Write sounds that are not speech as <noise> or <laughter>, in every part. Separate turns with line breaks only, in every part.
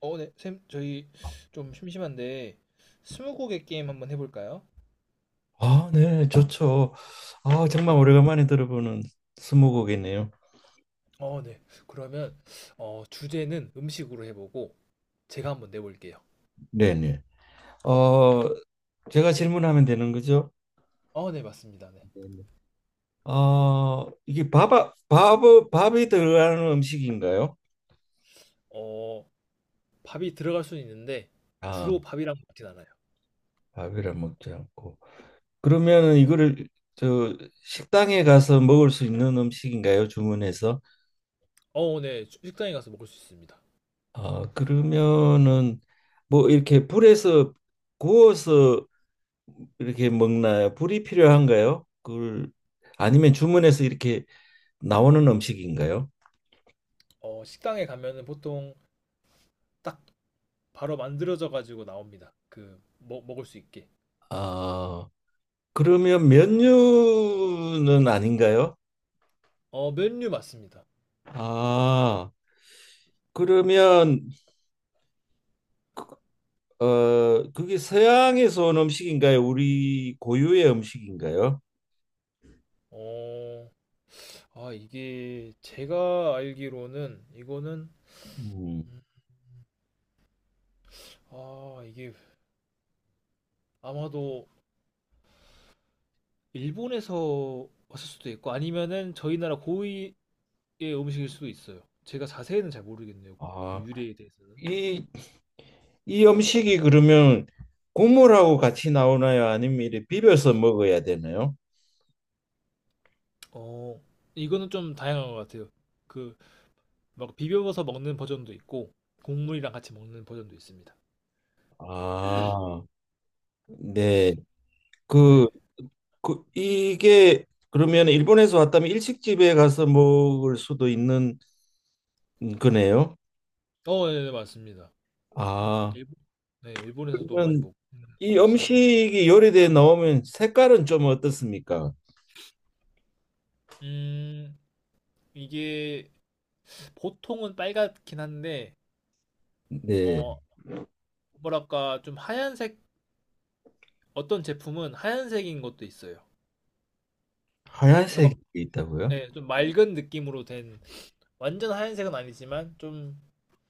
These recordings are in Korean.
네, 쌤, 저희 좀 심심한데 스무고개 게임 한번 해볼까요?
아, 네, 좋죠. 아, 정말 오래간만에 들어보는 스무고개네요.
네. 그러면 주제는 음식으로 해보고 제가 한번 내볼게요.
네네. 어, 제가 질문하면 되는 거죠?
네, 맞습니다. 네.
네네. 이게 밥, 밥이 들어가는 음식인가요?
어, 밥이 들어갈 수는 있는데
아,
주로 밥이랑 먹진 않아요.
밥이라 먹지 않고. 그러
네.
면 이거를 저 식당에 가서 먹을 수 있는 음식인가요? 주문해서.
네. 식당에 가서 먹을 수 있습니다.
아, 그러면은 뭐 이렇게 불에서 구워서 이렇게 먹나요? 불이 필요한가요? 그걸 아니면 주문해서 이렇게 나오는 음식인가요?
식당에 가면은 보통 딱 바로 만들어져 가지고 나옵니다. 그 먹을 수 있게.
아, 그러면 면류는 아닌가요?
메뉴 맞습니다.
아, 그러면 그- 그게 서양에서 온 음식인가요? 우리 고유의 음식인가요?
어, 이게 제가 알기로는 이거는
음.
음, 이게 아마도 일본에서 왔을 수도 있고 아니면은 저희 나라 고유의 음식일 수도 있어요. 제가 자세히는 잘 모르겠네요. 그
아,
유래에 대해서는.
이, 이 음식이 그러면 국물하고 같이 나오나요? 아니면 이렇게 비벼서 먹어야 되나요?
어, 이거는 좀 다양한 것 같아요. 그 막 비벼서 먹는 버전도 있고 국물이랑 같이 먹는 버전도 있습니다.
아, 네. 그
네.
이게 그러면 일본에서 왔다면 일식집에 가서 먹을 수도 있는 거네요.
네, 네, 맞습니다.
아,
일본, 네, 일본에서도 많이
그러면
먹는
이
음식.
음식이 요리돼 나오면 색깔은 좀 어떻습니까?
음, 이게 보통은 빨갛긴 한데
네,
어, 뭐랄까 좀 하얀색 어떤 제품은 하얀색인 것도 있어요. 그러니까
하얀색이
막,
있다고요?
예, 좀 맑은 느낌으로 된 완전 하얀색은 아니지만 좀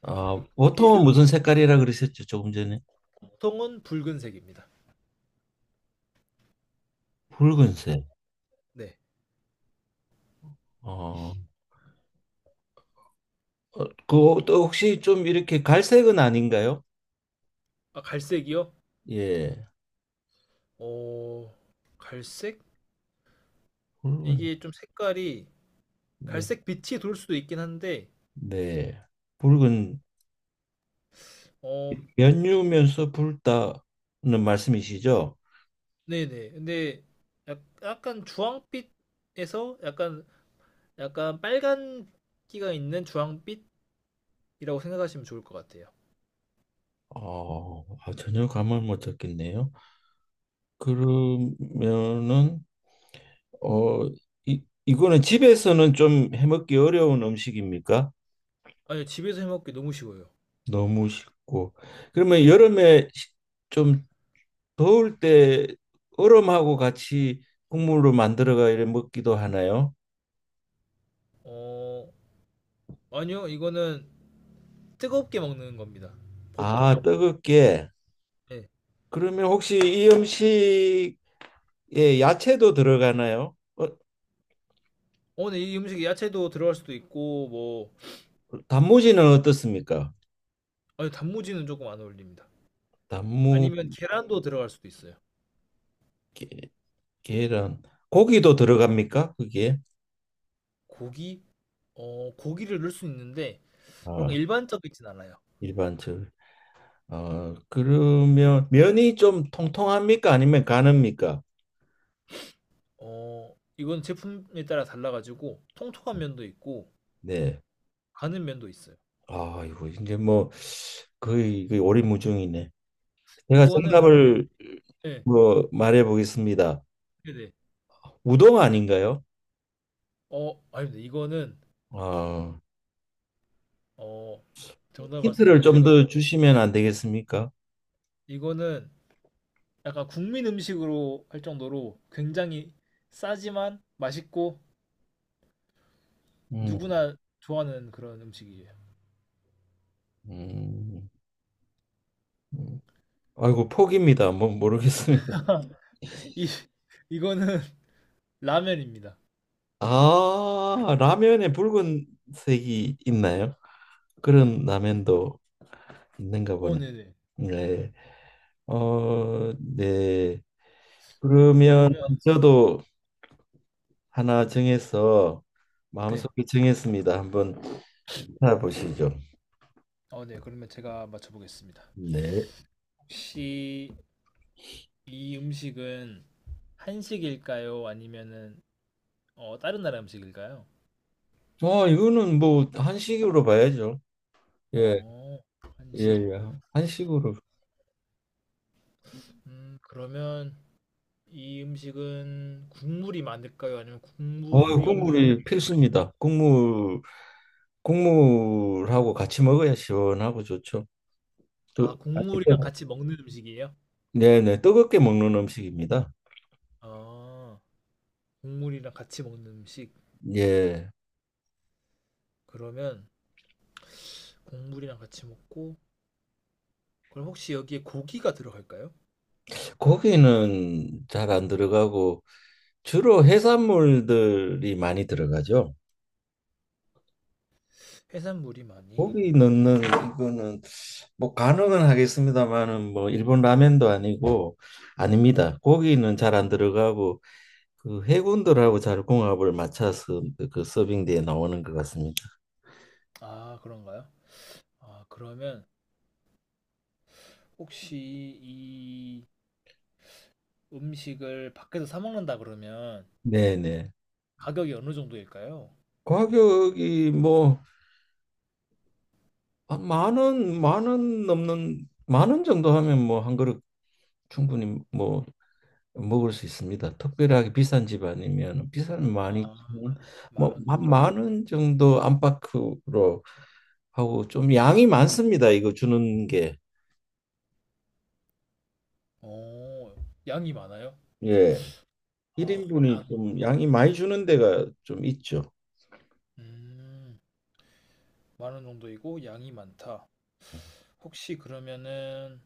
아,
이렇게
보통은 무슨 색깔이라 그러셨죠? 조금 전에.
보통은 붉은색입니다.
붉은색.
네.
어, 어, 또 혹시 좀 이렇게 갈색은 아닌가요?
아, 갈색이요?
예,
어, 갈색?
붉은.
이게 좀 색깔이
네,
갈색 빛이 돌 수도 있긴 한데,
네, 붉은
어,
면유면서 붉다는 말씀이시죠?
네네. 근데 약간 주황빛에서 약간 빨간기가 있는 주황빛이라고 생각하시면 좋을 것 같아요.
아, 전혀 감을 못 잡겠네요. 그러면은 어, 이거는 집에서는 좀 해먹기 어려운 음식입니까?
아니, 집에서 해먹기 너무 쉬워요.
너무 쉽고. 그러면
네.
여름에 좀 더울 때 얼음하고 같이 국물로 만들어가 이래 먹기도 하나요?
어, 아니요, 이거는 뜨겁게 먹는 겁니다. 보통.
아, 뜨겁게.
예.
그러면 혹시 이 음식에 야채도 들어가나요?
근데 이 음식에 야채도 들어갈 수도 있고, 뭐,
단무지는 어떻습니까?
아니, 단무지는 조금 안 어울립니다.
나무.
아니면 계란도 들어갈 수도 있어요.
게, 계란. 고기도 들어갑니까? 그게.
고기? 고기를 넣을 수 있는데, 뭔가
아,
일반적이진 않아요.
일반적으로. 아, 그러면 면이 좀 통통합니까? 아니면 가늡니까?
이건 제품에 따라 달라가지고, 통통한 면도 있고,
네.
가는 면도 있어요.
아, 이거 이제 뭐 거의 오리무중이네. 제가
이거는 근데,
정답을
예,
뭐 말해 보겠습니다.
네네.
우동 아닌가요?
아닙니다. 이거는,
아,
어, 정답
힌트를
말씀드리자면,
좀 더 주시면 안 되겠습니까?
이거는 약간 국민 음식으로 할 정도로 굉장히 싸지만 맛있고
음,
누구나 좋아하는 그런 음식이에요.
음, 음. 아이고 포기입니다. 뭐 모르겠습니다.
<laughs> 이 이거는 <laughs> 라면입니다.
아, 라면에 붉은색이 있나요? 그런 라면도 있는가 보네.
네네.
네. 네. 그러면
그러면
저도 하나 정해서
네.
마음속에 정했습니다. 한번 알아보시죠.
네. 그러면 제가 맞춰보겠습니다.
네.
혹시 이 음식은 한식일까요? 아니면은 다른 나라 음식일까요?
이거는 뭐 한식으로 봐야죠. 예,
어, 한식.
예. 한식으로.
그러면 이 음식은 국물이 많을까요? 아니면 국물이 없는
국물이
음식일까요?
필수입니다. 국물, 국물하고 같이 먹어야 시원하고 좋죠. 또
아,
아니,
국물이랑
또.
같이 먹는 음식이에요?
네네, 뜨겁게 먹는 음식입니다.
아, 국물이랑 같이 먹는 음식.
예,
그러면 국물이랑 같이 먹고, 그럼 혹시 여기에 고기가 들어갈까요?
고기는 잘 안 들어가고 주로 해산물들이 많이 들어가죠.
해산물이 많이.
고기 넣는 이거는 뭐 가능은 하겠습니다만은 뭐 일본 라면도 아니고 아닙니다. 고기는 잘 안 들어가고 그 해군들하고 잘 궁합을 맞춰서 서빙대에 나오는 것 같습니다.
아, 그런가요? 아, 그러면 혹시 이 음식을 밖에서 사 먹는다 그러면
네네.
가격이 어느 정도일까요?
가격이 뭐 만 원, 만원 넘는 만원 정도 하면 뭐 한 그릇 충분히 뭐 먹을 수 있습니다. 특별하게 비싼 집 아니면 비싸면 많이
아,
뭐
만
지
원
만뭐
정도?
원 정도 안팎으로 하고 좀 양이 많습니다. 이거 주는 게.
어, 양이 많아요?
예.
어,
1인분이
양이 많.
좀 양이 많이 주는 데가 좀 있죠.
음, 10,000원 정도이고 양이 많다. 혹시 그러면은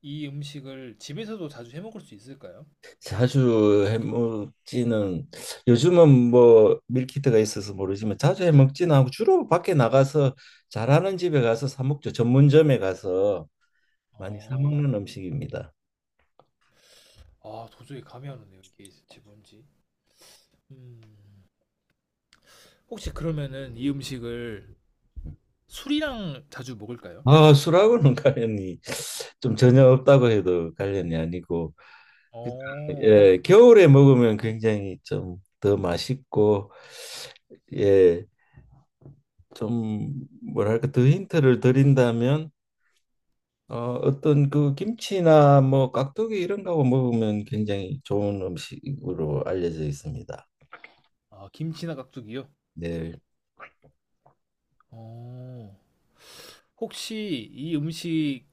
이 음식을 집에서도 자주 해 먹을 수 있을까요?
자주 해먹지는 요즘은 뭐 밀키트가 있어서 모르지만 자주 해먹지는 않고 주로 밖에 나가서 잘하는 집에 가서 사 먹죠. 전문점에 가서 많이 사
어,
먹는 음식입니다.
아, 도저히 감이 안 오네요. 이게 진짜 뭔지. 음. 혹시 그러면은 이 음식을 술이랑 자주 먹을까요?
아, 술하고는 <laughs> 관련이 좀 전혀 없다고 해도 관련이 아니고 그냥,
어,
예, 겨울에 먹으면 굉장히 좀 더 맛있고. 예, 좀 뭐랄까 더 힌트를 드린다면 어, 어떤 그 김치나 뭐 깍두기 이런 거하고 먹으면 굉장히 좋은 음식으로 알려져 있습니다.
김치나 깍두기요?
네,
어, 혹시 이 음식에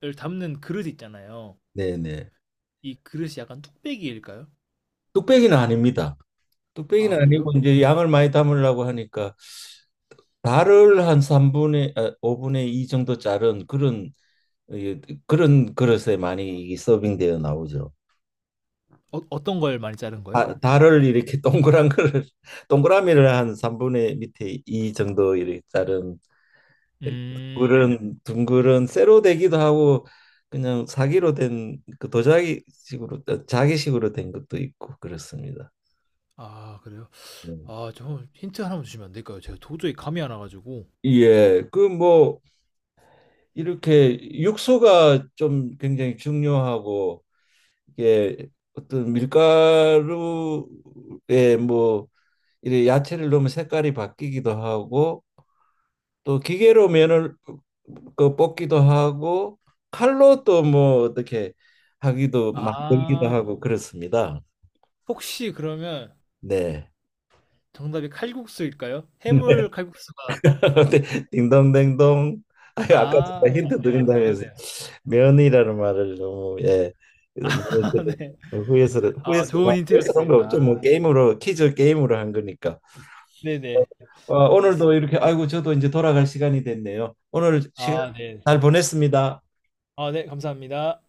를 담는 그릇 있잖아요.
네.
이 그릇이 약간 뚝배기일까요?
뚝배기는 아닙니다.
아,
뚝배기는 아니고
그래요?
이제 양을 많이 담으려고 하니까 달을 한 3분의 아, 5분의 2 정도 자른 그런. 예, 그런 그릇에 많이 서빙되어 나오죠.
어떤 걸 많이 자른 거예요?
아, 달을 이렇게 동그란 그릇 <laughs> 동그라미를 한 3분의 밑에 2 정도 이렇게 자른
음,
그런 둥그런 쇠로 되기도 하고 그냥 사기로 된 그 도자기식으로 자기식으로 된 것도 있고 그렇습니다.
그래요?
음.
아, 저 힌트 하나만 주시면 안 될까요? 제가 도저히 감이 안 와가지고.
예, 그 뭐 이렇게 육수가 좀 굉장히 중요하고 이게 어떤 밀가루에 뭐 이래 야채를 넣으면 색깔이 바뀌기도 하고 또 기계로 면을 그 뽑기도 하고 칼로 또 뭐 어떻게 하기도 만들기도
아,
하고 그렇습니다.
혹시 그러면
네.
정답이 칼국수일까요?
<laughs> 네.
해물 칼국수가
<laughs> 딩동댕동. 아, 아까 제가
아,
힌트
맞네요.
드린다면서
그러네요.
면이라는 말을 너무 예
<laughs> 아,
말을
네.
후에서
아,
후에서
좋은
후에서 그런 거
힌트였습니다.
없죠. 뭐
아,
게임으로 퀴즈 게임으로 한 거니까.
네네.
어, 오늘도
알겠습니다.
이렇게 아이고 저도 이제 돌아갈 시간이 됐네요. 오늘 시간
아, 네.
잘 보냈습니다.
아, 네. 감사합니다.